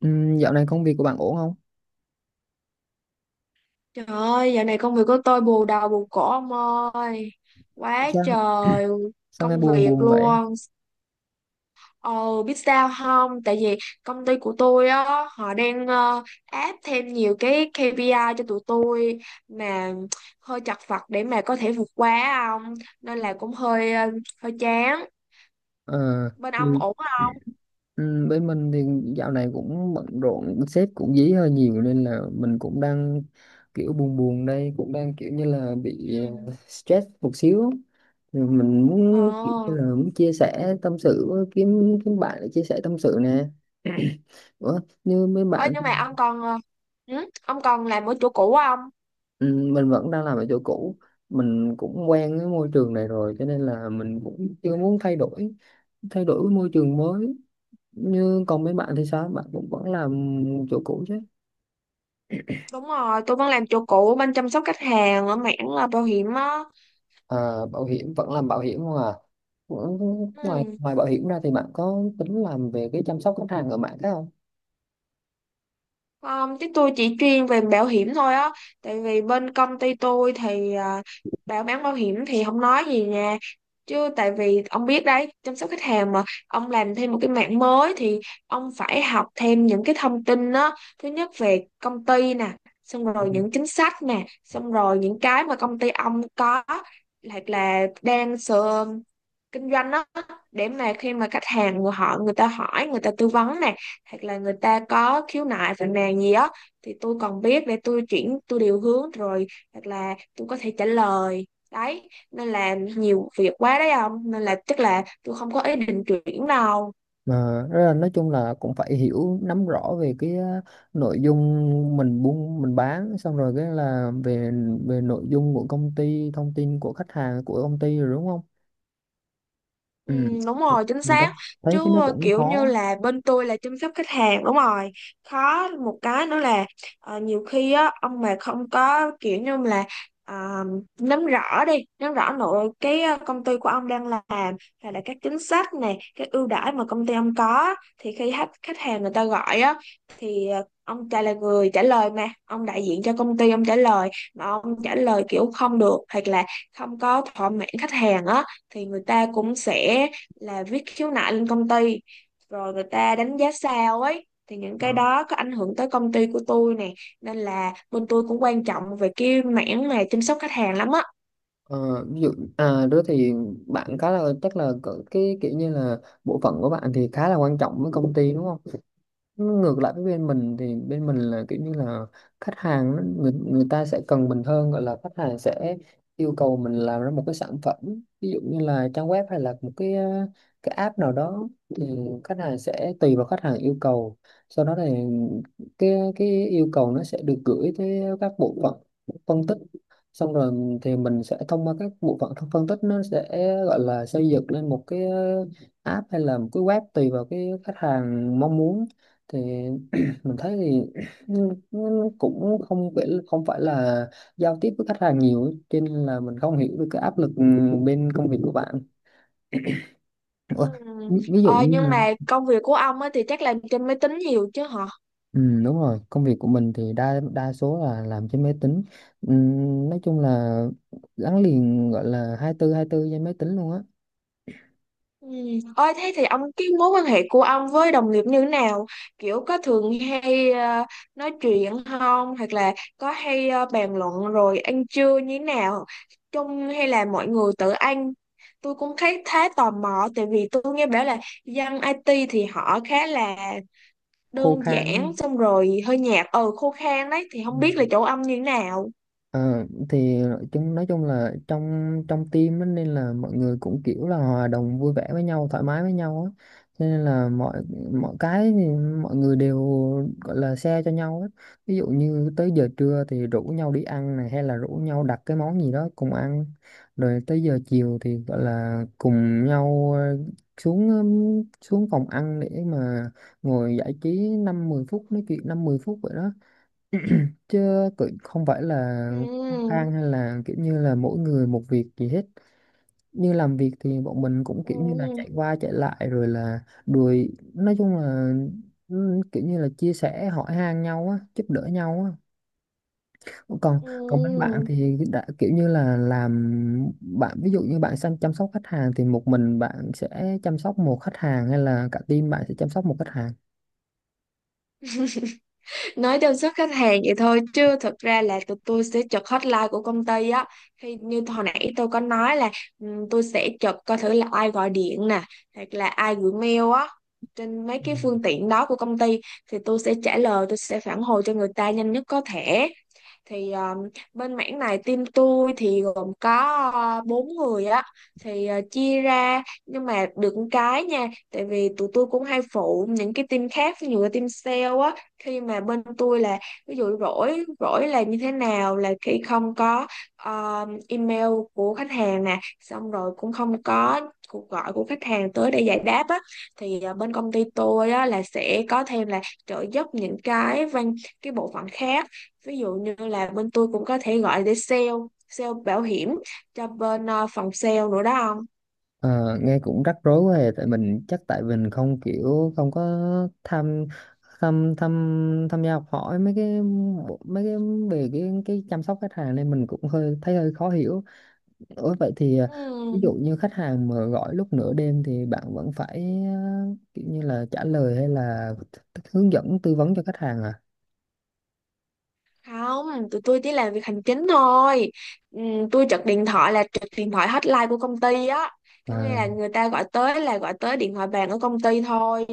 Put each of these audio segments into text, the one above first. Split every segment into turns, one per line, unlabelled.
Dạo này công việc của bạn ổn không?
Trời ơi, dạo này công việc của tôi bù đầu bù cổ ông ơi. Quá
Sao,
trời
sao nghe
công
buồn
việc
buồn vậy?
luôn. Ồ, biết sao không? Tại vì công ty của tôi á, họ đang áp thêm nhiều cái KPI cho tụi tôi mà hơi chật vật để mà có thể vượt qua ông. Nên là cũng hơi chán.
Ờ,
Bên ông
tôi,
ổn không?
Bên mình thì dạo này cũng bận rộn, sếp cũng dí hơi nhiều nên là mình cũng đang kiểu buồn buồn đây, cũng đang kiểu như là bị
Ừ.
stress một xíu. Thì mình muốn kiểu như
Ồ.
là muốn chia sẻ tâm sự với kiếm kiếm bạn để chia sẻ tâm sự nè. Ủa, như mấy
Ôi,
bạn.
nhưng mà ông còn ông còn làm ở chỗ cũ không?
Mình vẫn đang làm ở chỗ cũ, mình cũng quen với môi trường này rồi cho nên là mình cũng chưa muốn thay đổi cái môi trường mới. Như còn mấy bạn thì sao, bạn cũng vẫn làm chỗ cũ chứ?
Đúng rồi, tôi vẫn làm chỗ cũ bên chăm sóc khách hàng ở mảng là bảo hiểm á.
À, bảo hiểm vẫn làm bảo hiểm không à? Cũng- ngoài
Ừ.
ngoài bảo hiểm ra thì bạn có tính làm về cái chăm sóc khách hàng ở mạng khác không?
Chứ tôi chỉ chuyên về bảo hiểm thôi á. Tại vì bên công ty tôi thì à, bán bảo hiểm thì không nói gì nha. Chứ tại vì ông biết đấy, chăm sóc khách hàng mà ông làm thêm một cái mảng mới thì ông phải học thêm những cái thông tin á. Thứ nhất về công ty nè, xong
Ừ.
rồi những chính sách nè, xong rồi những cái mà công ty ông có hoặc là đang sửa kinh doanh đó, để mà khi mà khách hàng người ta hỏi, người ta tư vấn này, hoặc là người ta có khiếu nại phàn nàn gì đó, thì tôi còn biết để tôi chuyển, tôi điều hướng rồi, hoặc là tôi có thể trả lời đấy. Nên là nhiều việc quá đấy ông, nên là chắc là tôi không có ý định chuyển đâu.
Mà rất là nói chung là cũng phải hiểu nắm rõ về cái nội dung mình buôn mình bán, xong rồi cái là về về nội dung của công ty, thông tin của khách hàng của công ty rồi, đúng không?
Ừ,
Ừ.
đúng rồi, chính
Mình rất
xác.
thấy cái
Chứ
nó cũng
kiểu như
khó.
là bên tôi là chăm sóc khách hàng, đúng rồi. Khó một cái nữa là nhiều khi á, ông mà không có kiểu như là ờ, nắm rõ đi, nắm rõ nội cái công ty của ông đang làm, hay là các chính sách này, các ưu đãi mà công ty ông có, thì khi khách khách hàng người ta gọi á, thì ông trả là người trả lời, mà ông đại diện cho công ty ông trả lời, mà ông trả lời kiểu không được hoặc là không có thỏa mãn khách hàng á, thì người ta cũng sẽ là viết khiếu nại lên công ty, rồi người ta đánh giá sao ấy, thì những cái đó có ảnh hưởng tới công ty của tôi nè, nên là bên tôi cũng quan trọng về cái mảng mà chăm sóc khách hàng lắm á.
Ờ, Ví dụ à đó thì bạn khá là chắc là cái kiểu như là bộ phận của bạn thì khá là quan trọng với công ty đúng không? Ngược lại với bên mình thì bên mình là kiểu như là khách hàng người ta sẽ cần mình hơn, gọi là khách hàng sẽ yêu cầu mình làm ra một cái sản phẩm, ví dụ như là trang web hay là một cái cái app nào đó. Thì khách hàng sẽ tùy vào khách hàng yêu cầu, sau đó thì cái yêu cầu nó sẽ được gửi tới các bộ phận phân tích, xong rồi thì mình sẽ thông qua các bộ phận phân tích, nó sẽ gọi là xây dựng lên một cái app hay là một cái web tùy vào cái khách hàng mong muốn. Thì Mình thấy thì nó cũng không phải là giao tiếp với khách hàng nhiều ấy, cho nên là mình không hiểu được cái áp lực bên công việc của bạn.
Ừ.
Ủa, ví dụ
ờ,
như
nhưng
là.
mà công việc của ông á thì chắc làm trên máy tính nhiều chứ hả?
Ừ, đúng rồi, công việc của mình thì đa đa số là làm trên máy tính. ừ, nói chung là gắn liền gọi là 24/24 trên máy tính luôn á.
Ừ. Ôi thế thì ông, cái mối quan hệ của ông với đồng nghiệp như thế nào? Kiểu có thường hay nói chuyện không? Hoặc là có hay bàn luận rồi ăn trưa như thế nào? Chung hay là mọi người tự ăn? Tôi cũng thấy khá tò mò, tại vì tôi nghe bảo là dân IT thì họ khá là
Khô
đơn
khan đúng
giản,
không?
xong rồi hơi nhạt, khô khan đấy, thì không biết là
Ừ.
chỗ ông như thế nào.
Ờ, thì chúng nói chung là trong trong team á, nên là mọi người cũng kiểu là hòa đồng vui vẻ với nhau, thoải mái với nhau á. Cho nên là mọi mọi cái thì mọi người đều gọi là share cho nhau á, ví dụ như tới giờ trưa thì rủ nhau đi ăn này hay là rủ nhau đặt cái món gì đó cùng ăn, rồi tới giờ chiều thì gọi là cùng nhau ờ, xuống xuống phòng ăn để mà ngồi giải trí năm mười phút, nói chuyện năm mười phút vậy đó. Chứ cũng không phải là khăng
Ừ.
khăng hay là kiểu như là mỗi người một việc gì hết. Như làm việc thì bọn mình cũng
Ừ.
kiểu như là chạy qua chạy lại rồi là đuổi, nói chung là kiểu như là chia sẻ hỏi han nhau á, giúp đỡ nhau á. Còn còn bên bạn
Ừ.
thì đã kiểu như là làm, bạn ví dụ như bạn sang chăm sóc khách hàng thì một mình bạn sẽ chăm sóc một khách hàng hay là cả team bạn sẽ chăm sóc một khách hàng?
Nói chăm sóc khách hàng vậy thôi, chứ thực ra là tụi tôi sẽ chụp hotline của công ty á. Khi như hồi nãy tôi có nói là tôi sẽ chụp coi thử là ai gọi điện nè, hoặc là ai gửi mail á, trên mấy cái phương tiện đó của công ty, thì tôi sẽ trả lời, tôi sẽ phản hồi cho người ta nhanh nhất có thể. Thì bên mảng này team tôi thì gồm có bốn người á, thì chia ra, nhưng mà được một cái nha, tại vì tụi tôi cũng hay phụ những cái team khác, ví dụ như team sale á. Khi mà bên tôi là ví dụ rỗi rỗi là như thế nào, là khi không có email của khách hàng nè, xong rồi cũng không có cuộc gọi của khách hàng tới để giải đáp á, thì bên công ty tôi á là sẽ có thêm là trợ giúp những cái bộ phận khác, ví dụ như là bên tôi cũng có thể gọi để sale sale bảo hiểm cho bên phòng sale nữa đó ông.
Ờ, Nghe cũng rắc rối quá à, tại mình chắc tại mình không kiểu không có tham tham tham tham gia học hỏi mấy cái mấy cái về cái chăm sóc khách hàng nên mình cũng hơi thấy hơi khó hiểu. Ủa vậy thì
Ừ.
ví dụ như khách hàng mà gọi lúc nửa đêm thì bạn vẫn phải kiểu như là trả lời hay là hướng dẫn tư vấn cho khách hàng à?
Không, tụi tôi chỉ làm việc hành chính thôi. Tôi trực điện thoại là trực điện thoại hotline của công ty á, có nghĩa là
À.
người ta gọi tới là gọi tới điện thoại bàn ở công ty thôi,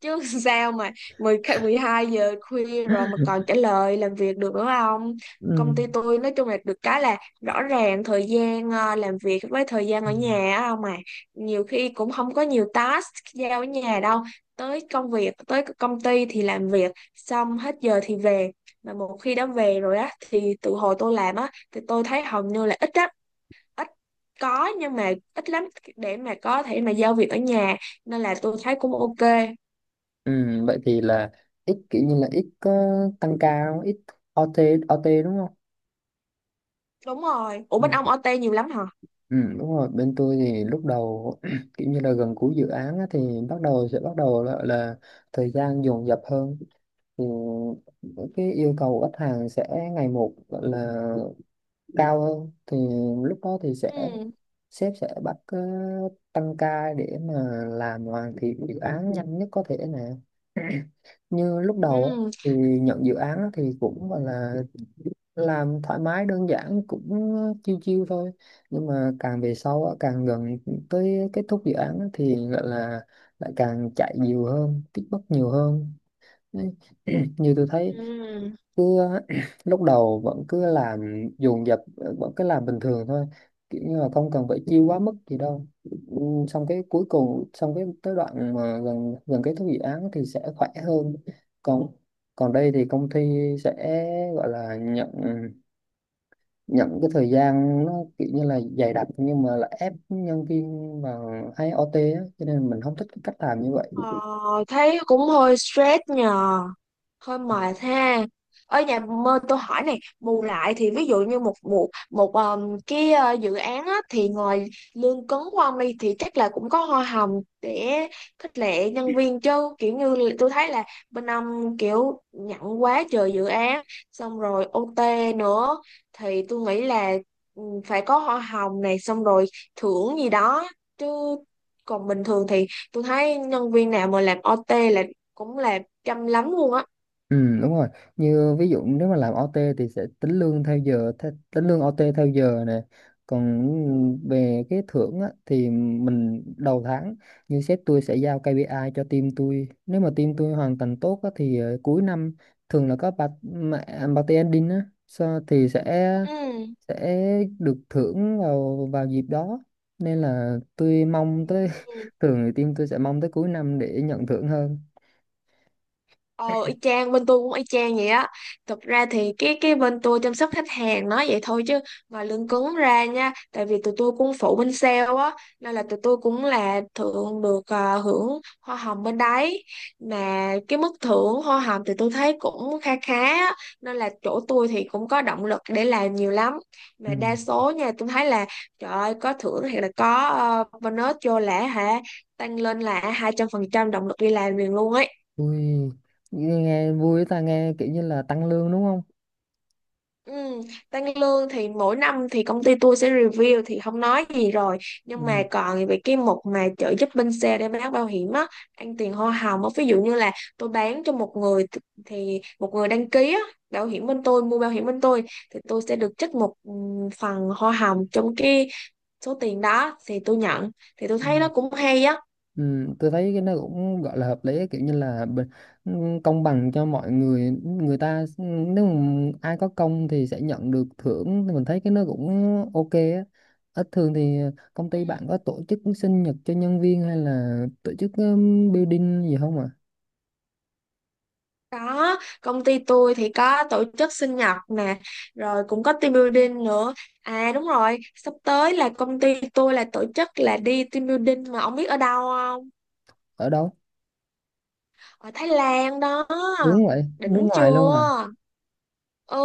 chứ sao mà mười 12 giờ khuya rồi mà còn trả lời làm việc được nữa không.
Ừ.
Công ty tôi nói chung là được cái là rõ ràng thời gian làm việc với thời gian
Ừ.
ở nhà á, không mà, nhiều khi cũng không có nhiều task giao ở nhà đâu. Tới công việc, tới công ty thì làm việc, xong hết giờ thì về, mà một khi đã về rồi á, thì từ hồi tôi làm á thì tôi thấy hầu như là ít á, ít có, nhưng mà ít lắm để mà có thể mà giao việc ở nhà, nên là tôi thấy cũng ok.
Ừ, vậy thì là ít kiểu như là ít có tăng ca không? Ít OT, OT đúng không?
Đúng rồi. Ủa, bên ông
Ừ.
OT nhiều lắm hả?
Ừ, đúng rồi bên tôi thì lúc đầu, kiểu như là gần cuối dự án á, thì bắt đầu là thời gian dồn dập hơn, thì cái yêu cầu của khách hàng sẽ ngày một gọi là cao hơn, thì lúc đó thì
Ừ.
sếp sẽ bắt tăng ca để mà làm hoàn thiện dự án nhanh nhất có thể nè. Như lúc đầu á,
Ừ.
thì nhận dự án á thì cũng gọi là làm thoải mái đơn giản, cũng chiêu chiêu thôi, nhưng mà càng về sau á, càng gần tới kết thúc dự án á, thì gọi là lại càng chạy nhiều hơn, feedback nhiều hơn. Đấy. Như tôi thấy
Ừ.
cứ lúc đầu vẫn cứ làm dồn dập, vẫn cứ làm bình thường thôi, kiểu như là không cần phải chiêu quá mức gì đâu. Ừ, xong cái cuối cùng, xong cái tới đoạn mà gần gần kết thúc dự án thì sẽ khỏe hơn. Còn còn đây thì công ty sẽ gọi là nhận nhận cái thời gian nó kiểu như là dày đặc, nhưng mà là ép nhân viên vào hay OT á cho nên mình không thích cái cách làm như vậy.
ờ, thấy cũng hơi stress nhờ, hơi mệt ha. Ở nhà, mơ tôi hỏi này, bù lại thì ví dụ như một một một cái ờ, dự án á, thì ngoài lương cứng của ông đi thì chắc là cũng có hoa hồng để khích lệ nhân viên chứ, kiểu như là tôi thấy là bên ông kiểu nhận quá trời dự án xong rồi OT nữa, thì tôi nghĩ là phải có hoa hồng này, xong rồi thưởng gì đó chứ. Còn bình thường thì tôi thấy nhân viên nào mà làm OT là cũng là chăm lắm luôn á.
Ừ đúng rồi, như ví dụ nếu mà làm OT thì sẽ tính lương theo giờ, tính lương OT theo giờ nè. Còn về cái thưởng á, thì mình đầu tháng, như sếp tôi sẽ giao KPI cho team tôi, nếu mà team tôi hoàn thành tốt á, thì cuối năm thường là có party ending á so, thì sẽ
Ừ.
sẽ được thưởng vào vào dịp đó. Nên là tôi mong tới,
Ừ.
thường thì team tôi sẽ mong tới cuối năm để nhận thưởng hơn.
Ờ, y chang, bên tôi cũng y chang vậy á. Thực ra thì cái bên tôi chăm sóc khách hàng nói vậy thôi, chứ ngoài lương cứng ra nha, tại vì tụi tôi cũng phụ bên sale á, nên là tụi tôi cũng là hưởng hoa hồng bên đấy. Mà cái mức thưởng hoa hồng thì tôi thấy cũng kha khá á, nên là chỗ tôi thì cũng có động lực để làm nhiều lắm.
Ừ.
Mà đa số nha, tôi thấy là trời ơi, có thưởng hay là có bonus vô lẻ hả? Tăng lên là 200% động lực đi làm liền luôn ấy.
Ui, nghe nghe vui ta, nghe kiểu như là tăng lương đúng không?
Ừ, tăng lương thì mỗi năm thì công ty tôi sẽ review thì không nói gì rồi, nhưng mà
Ừ.
còn về cái mục mà trợ giúp bên xe để bán bảo hiểm á, ăn tiền hoa hồng á, ví dụ như là tôi bán cho thì một người đăng ký á bảo hiểm bên tôi, mua bảo hiểm bên tôi, thì tôi sẽ được trích một phần hoa hồng trong cái số tiền đó thì tôi nhận, thì tôi
Ừ.
thấy nó cũng hay
Ừ, tôi thấy cái nó cũng gọi là hợp lý ấy, kiểu như là công bằng cho mọi người người ta nếu mà ai có công thì sẽ nhận được thưởng thì mình thấy cái nó cũng ok á. Ít thường thì công
á.
ty bạn có tổ chức sinh nhật cho nhân viên hay là tổ chức building gì không ạ à?
Có, công ty tôi thì có tổ chức sinh nhật nè, rồi cũng có team building nữa. À đúng rồi, sắp tới là công ty tôi là tổ chức là đi team building mà ông biết ở đâu không?
Ở đâu?
Ở Thái Lan đó.
Hướng vậy, nước
Đỉnh
ngoài luôn à?
chưa? Ừ.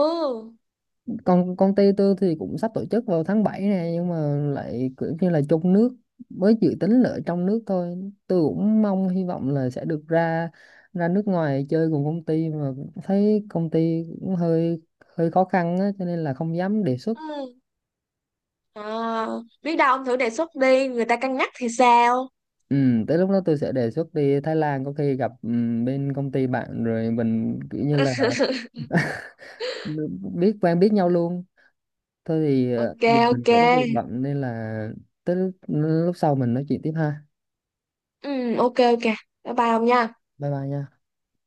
Còn công ty tôi thì cũng sắp tổ chức vào tháng 7 này, nhưng mà lại kiểu như là trong nước, mới dự tính là ở trong nước thôi. Tôi cũng mong hy vọng là sẽ được ra ra nước ngoài chơi cùng công ty, mà thấy công ty cũng hơi hơi khó khăn á cho nên là không dám đề xuất.
Ừ. À, biết đâu ông thử đề xuất đi, người ta cân nhắc thì sao?
Ừ, tới lúc đó tôi sẽ đề xuất đi Thái Lan, có khi gặp bên công ty bạn rồi mình kiểu như là biết quen biết nhau luôn. Thôi thì
Ok,
giờ mình
ok.
cũng có việc bận nên là tới lúc sau mình nói chuyện tiếp ha.
Ừ, ok ok. Bye bye ông nha.
Bye bye nha.